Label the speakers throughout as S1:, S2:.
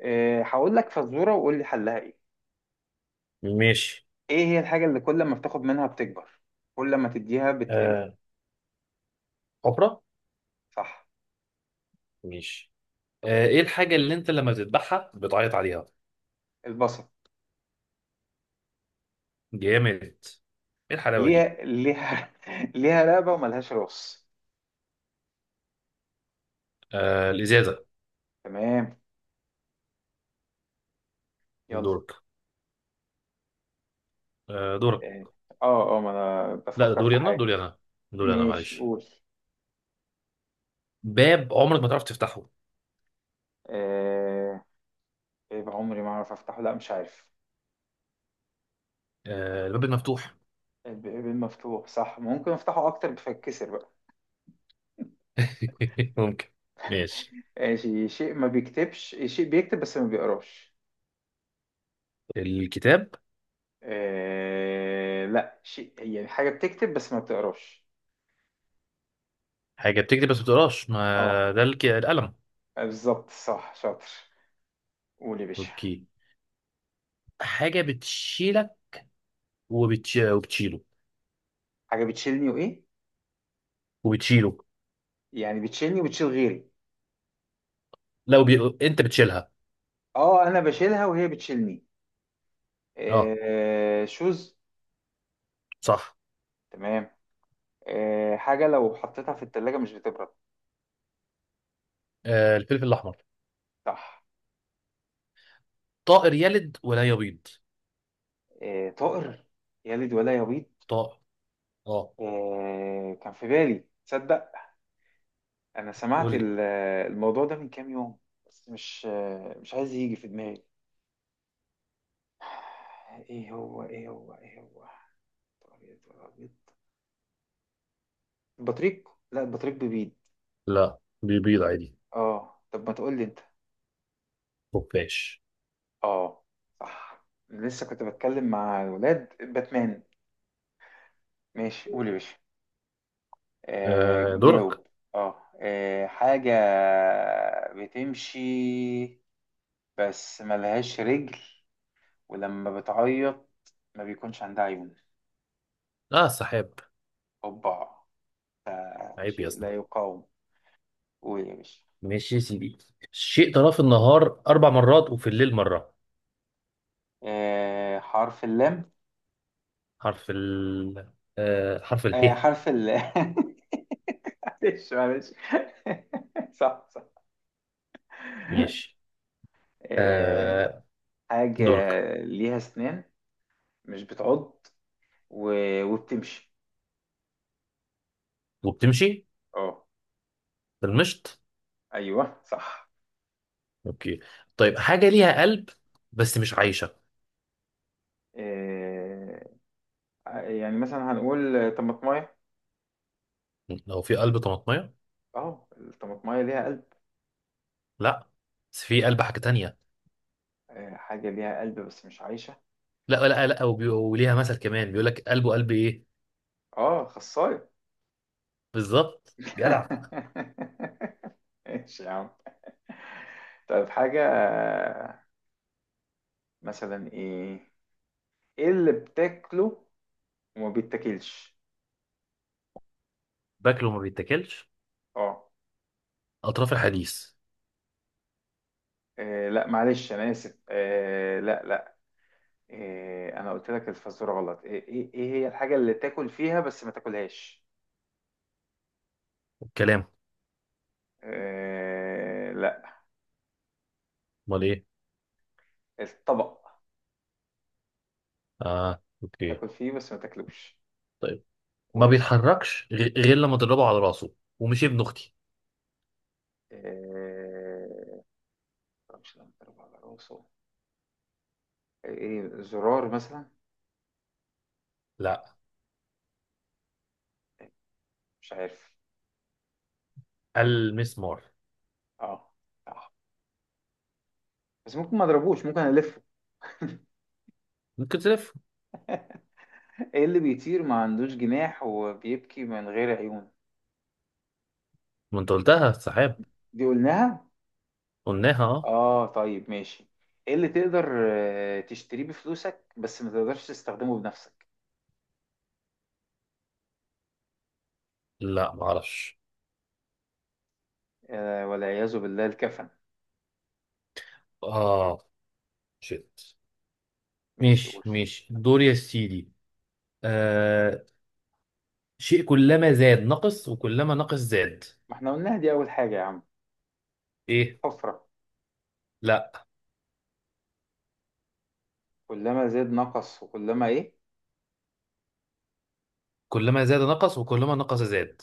S1: إيه، هقول لك فزورة وقول لي حلها ايه.
S2: ماشي.
S1: ايه هي الحاجة اللي كل ما بتاخد منها بتكبر، كل ما تديها بتقل؟
S2: آه، حفرة.
S1: صح.
S2: ماشي. ايه الحاجة اللي انت لما بتذبحها بتعيط عليها؟
S1: البصل.
S2: جامد. ايه الحلاوة دي؟
S1: ليها ليها رقبة وملهاش راس.
S2: آه، الازازة.
S1: تمام. يلا.
S2: دورك. آه، دورك.
S1: إيه، اه ما انا
S2: لا، ده
S1: بفكر في حاجة.
S2: دوري انا،
S1: ماشي
S2: معلش.
S1: قول.
S2: باب عمرك ما تعرف تفتحه؟
S1: ايه؟ إيه بعمري ما اعرف افتحه؟ لا مش عارف.
S2: آه، الباب المفتوح.
S1: الباب مفتوح صح، ممكن افتحه اكتر بفكسر بقى.
S2: ممكن. ماشي.
S1: ماشي. شيء ما بيكتبش، شيء بيكتب بس ما بيقراش.
S2: الكتاب.
S1: آه لا، شيء هي حاجة بتكتب بس ما بتقراش.
S2: حاجة بتكتب بس ما بتقراش،
S1: اه
S2: ما ده القلم.
S1: بالظبط، صح، شاطر. قول يا باشا.
S2: اوكي. حاجة بتشيلك وبتشيله.
S1: حاجة بتشيلني وإيه؟
S2: وبتشيله.
S1: يعني بتشيلني وبتشيل غيري؟
S2: لا، انت بتشيلها.
S1: اه أنا بشيلها وهي بتشيلني.
S2: اه،
S1: آه شوز.
S2: صح.
S1: تمام. آه حاجة لو حطيتها في التلاجة مش بتبرد.
S2: آه، الفلفل الاحمر.
S1: صح.
S2: طائر يلد ولا يبيض؟
S1: آه طائر يلد ولا يبيض.
S2: طائر، اه.
S1: آه كان في بالي تصدق. أنا سمعت
S2: قول لي.
S1: ال- الموضوع ده من كام يوم، بس مش مش عايز يجي في دماغي. ايه هو؟ ابيض ولا ابيض؟ بطريق، لا البطريق ببيض.
S2: لا، بيبيض عادي.
S1: اه طب ما تقول لي انت.
S2: خفاش.
S1: اه صح، لسه كنت بتكلم مع الولاد، باتمان. ماشي قول يا باشا. آه
S2: آه، دورك.
S1: جاوب. اه. آه، حاجة بتمشي بس ملهاش رجل، ولما بتعيط ما بيكونش عندها عيون.
S2: لا، السحاب.
S1: اوبا، ده
S2: عيب يا
S1: شيء
S2: اسطى.
S1: لا يقاوم. قول يا باشا.
S2: ماشي يا سيدي. الشيء تراه في النهار أربع مرات وفي الليل مرة؟
S1: آه حرف اللام.
S2: حرف ال حرف
S1: آه،
S2: اله.
S1: حرف ال معلش معلش. صح صح.
S2: ماشي.
S1: آه،
S2: آه،
S1: حاجة
S2: دورك.
S1: ليها أسنان مش بتعض و... وبتمشي.
S2: وبتمشي.
S1: اه.
S2: في المشط.
S1: أيوه صح.
S2: اوكي. طيب، حاجة ليها قلب بس مش عايشة؟
S1: آه، يعني مثلا هنقول طماطماية.
S2: لو في قلب طماطمية؟
S1: اه الطماطماية ليها قلب.
S2: لا، بس في قلب حاجة تانية.
S1: آه، حاجة ليها قلب بس مش عايشة.
S2: لا لا لا، وليها مثل كمان بيقول لك قلبه قلب ايه.
S1: اه خصاية.
S2: بالظبط، جدع.
S1: ماشي يا عم. طيب حاجة مثلا ايه؟ ايه اللي بتاكله وما بيتاكلش؟
S2: باكله ما بيتاكلش؟
S1: اه.
S2: اطراف الحديث.
S1: لا معلش انا اسف. لا. آه انا قلت لك الفزوره غلط، ايه ايه إيه هي الحاجه اللي تاكل فيها بس ما تاكلهاش؟
S2: الكلام.
S1: آه لا،
S2: امال ايه؟
S1: الطبق
S2: اه، اوكي.
S1: تاكل فيه بس ما تاكلوش.
S2: طيب، ما
S1: قول يا باشا.
S2: بيتحركش غير لما تضربه على راسه، ومش ابن اختي.
S1: آه مش لما تضرب على راسه؟ آه، ايه زرار مثلا؟
S2: لا،
S1: آه، مش عارف.
S2: المسمار.
S1: اه صح، بس ممكن ما اضربوش، ممكن الفه.
S2: ممكن تلف.
S1: ايه اللي بيطير ما عندوش جناح وبيبكي من غير عيون؟
S2: ما انت قلتها، السحاب.
S1: دي قلناها.
S2: قلناها، اه.
S1: اه طيب ماشي. ايه اللي تقدر تشتريه بفلوسك بس ما تقدرش تستخدمه بنفسك؟
S2: لا، ما اعرفش.
S1: آه، والعياذ بالله الكفن.
S2: اه، شيت.
S1: ماشي
S2: ماشي،
S1: قول.
S2: ماشي، دور يا سيدي. آه شيء كلما زاد نقص وكلما نقص زاد؟
S1: ما احنا قلناها دي اول حاجة يا عم،
S2: ايه؟
S1: حفرة.
S2: لا،
S1: كلما زاد نقص وكلما ايه؟
S2: كلما زاد نقص وكلما نقص زاد.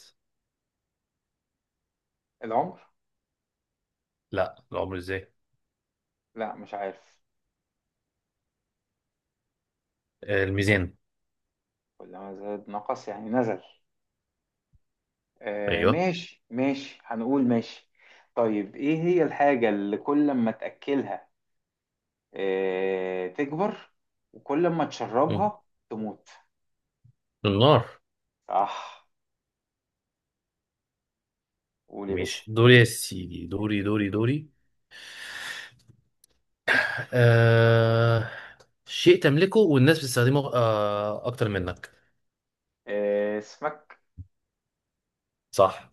S1: العمر.
S2: لا، العمر ازاي؟
S1: لا مش عارف.
S2: آه، الميزان.
S1: كلما زاد نقص يعني نزل. آه
S2: ايوه.
S1: ماشي ماشي، هنقول ماشي. طيب ايه هي الحاجة اللي كل ما تأكلها تكبر وكل ما
S2: مم.
S1: تشربها تموت؟
S2: النار.
S1: صح. قول يا باشا.
S2: ماشي، دوري يا سيدي، دوري دوري دوري. آه... شيء تملكه والناس بتستخدمه اكتر منك؟
S1: آه، اسمك.
S2: صح.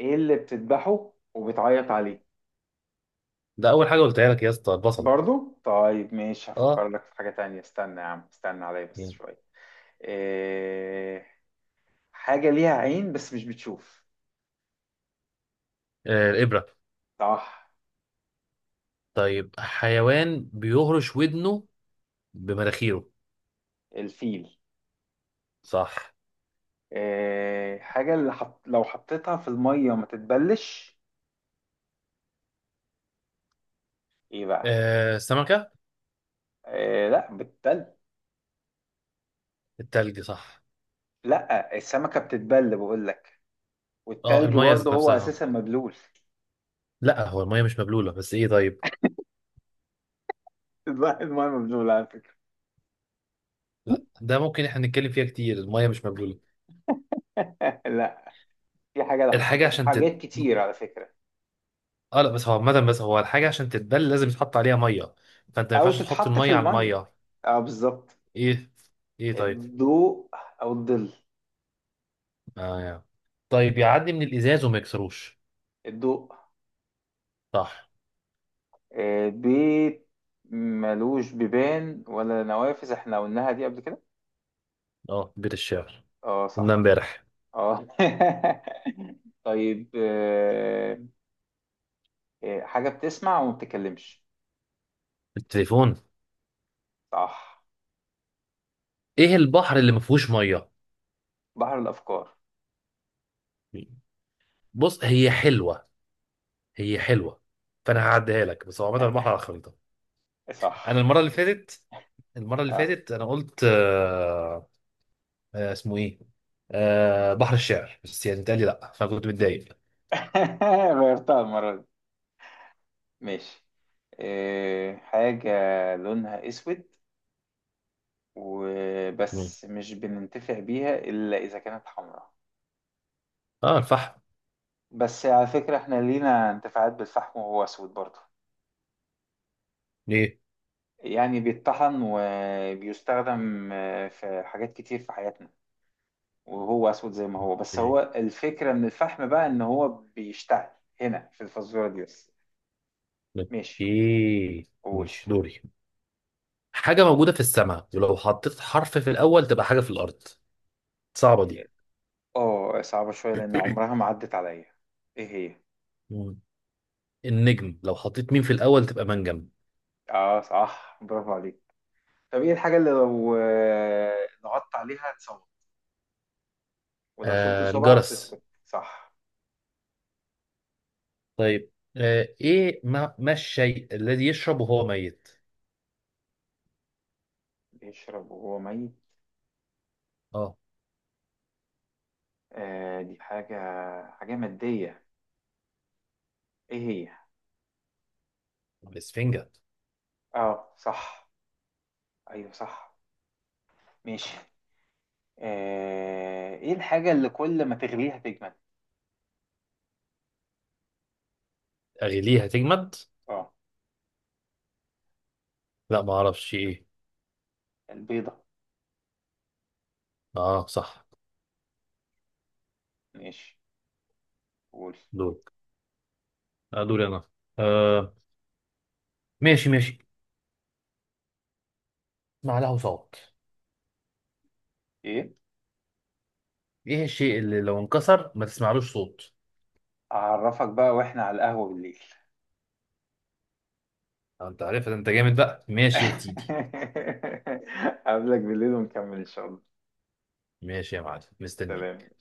S1: ايه اللي بتذبحه وبتعيط عليه؟
S2: ده اول حاجه قلتها لك يا اسطى، البصل.
S1: برضو، طيب ماشي،
S2: اه،
S1: هفكر لك في حاجة تانية، استنى يا عم استنى عليا بس
S2: يعني.
S1: شوية. آه، حاجة ليها عين بس مش بتشوف.
S2: آه، الابره.
S1: صح.
S2: طيب، حيوان بيهرش ودنه بمناخيره؟
S1: الفيل.
S2: صح.
S1: آه، لو حطيتها في المية ما تتبلش، ايه بقى؟
S2: آه، السمكه.
S1: آه، لا بتتل.
S2: التلج، صح.
S1: لا السمكة بتتبل بقول لك،
S2: اه،
S1: والتلج
S2: الميه
S1: برضه
S2: ذات
S1: هو
S2: نفسها.
S1: اساسا مبلول.
S2: لا، هو الميه مش مبلوله، بس ايه طيب.
S1: الماء مبلول على فكرة.
S2: لا، ده ممكن احنا نتكلم فيها كتير، الميه مش مبلوله.
S1: لا، في حاجة لو
S2: الحاجه
S1: حطيتها في
S2: عشان تت...
S1: حاجات كتير على فكرة.
S2: اه، لا، بس هو عامة، بس هو الحاجة عشان تتبل لازم يتحط عليها مية. فانت ما
S1: أو
S2: ينفعش تحط
S1: تتحط في
S2: المية على
S1: المية.
S2: المية.
S1: اه بالظبط.
S2: ايه، ايه، طيب.
S1: الضوء. أو الظل.
S2: آه، يعني. طيب، يعدي من الازاز وما يكسروش؟
S1: الضوء.
S2: صح.
S1: آه، بيت ملوش بيبان ولا نوافذ، احنا قلناها دي قبل كده.
S2: اه، بيت الشعر.
S1: اه
S2: قلنا
S1: صح.
S2: امبارح.
S1: اه. طيب آه، حاجة بتسمع وما بتتكلمش.
S2: التليفون.
S1: صح.
S2: ايه البحر اللي ما فيهوش مية؟
S1: بحر الأفكار.
S2: بص، هي حلوة، هي حلوة. فانا هعديها لك، بس هو عامة البحر على الخريطة. انا
S1: صح.
S2: المرة اللي
S1: اه.
S2: فاتت انا قلت آه. اسمه ايه؟ بحر الشعر، بس يعني اتقال لي لا، فانا كنت متضايق.
S1: غيرتها المرة دي. ماشي. آه، حاجة لونها أسود
S2: مم.
S1: وبس، مش بننتفع بيها إلا إذا كانت حمراء.
S2: اه، الفحم.
S1: بس على فكرة إحنا لينا انتفاعات بالفحم وهو أسود برضه،
S2: ليه؟
S1: يعني بيتطحن وبيستخدم في حاجات كتير في حياتنا وهو أسود زي ما هو، بس
S2: اوكي.
S1: هو الفكرة من الفحم بقى إن هو بيشتعل. هنا في الفزورة دي بس. ماشي
S2: اوكي،
S1: قول.
S2: ماشي، دوري. حاجة موجودة في السماء ولو حطيت حرف في الأول تبقى حاجة في الأرض؟ صعبة دي.
S1: اه صعبة شوية لأن عمرها ما عدت عليا. ايه هي؟
S2: مم. النجم، لو حطيت مين في الأول تبقى منجم.
S1: اه صح، برافو عليك. طب ايه الحاجة اللي لو ضغطت عليها ولو شلت
S2: آه،
S1: صبعك
S2: الجرس.
S1: تسكت؟ صح.
S2: طيب. إيه، ما الشيء الذي يشرب وهو ميت؟
S1: بيشرب وهو ميت؟
S2: اه،
S1: آه دي حاجة، حاجة مادية، ايه هي؟
S2: الإسفنجة.
S1: اه صح. ايوه صح. ماشي. آه ايه الحاجة اللي كل ما تغليها تجمد؟
S2: أغليها تجمد؟
S1: اه
S2: لا، ما أعرفش إيه.
S1: البيضة.
S2: اه، صح.
S1: ماشي قول.
S2: دورك. آه، دوري أنا. آه، ماشي ماشي. ما له صوت
S1: ايه؟
S2: إيه الشيء اللي لو انكسر ما تسمعلوش صوت؟
S1: اعرفك بقى واحنا على القهوة بالليل.
S2: آه، انت عارف، انت جامد بقى، ماشي يا سيدي.
S1: قبلك بالليل ونكمل ان شاء الله.
S2: ماشي يا معلم،
S1: سلام.
S2: مستنيك.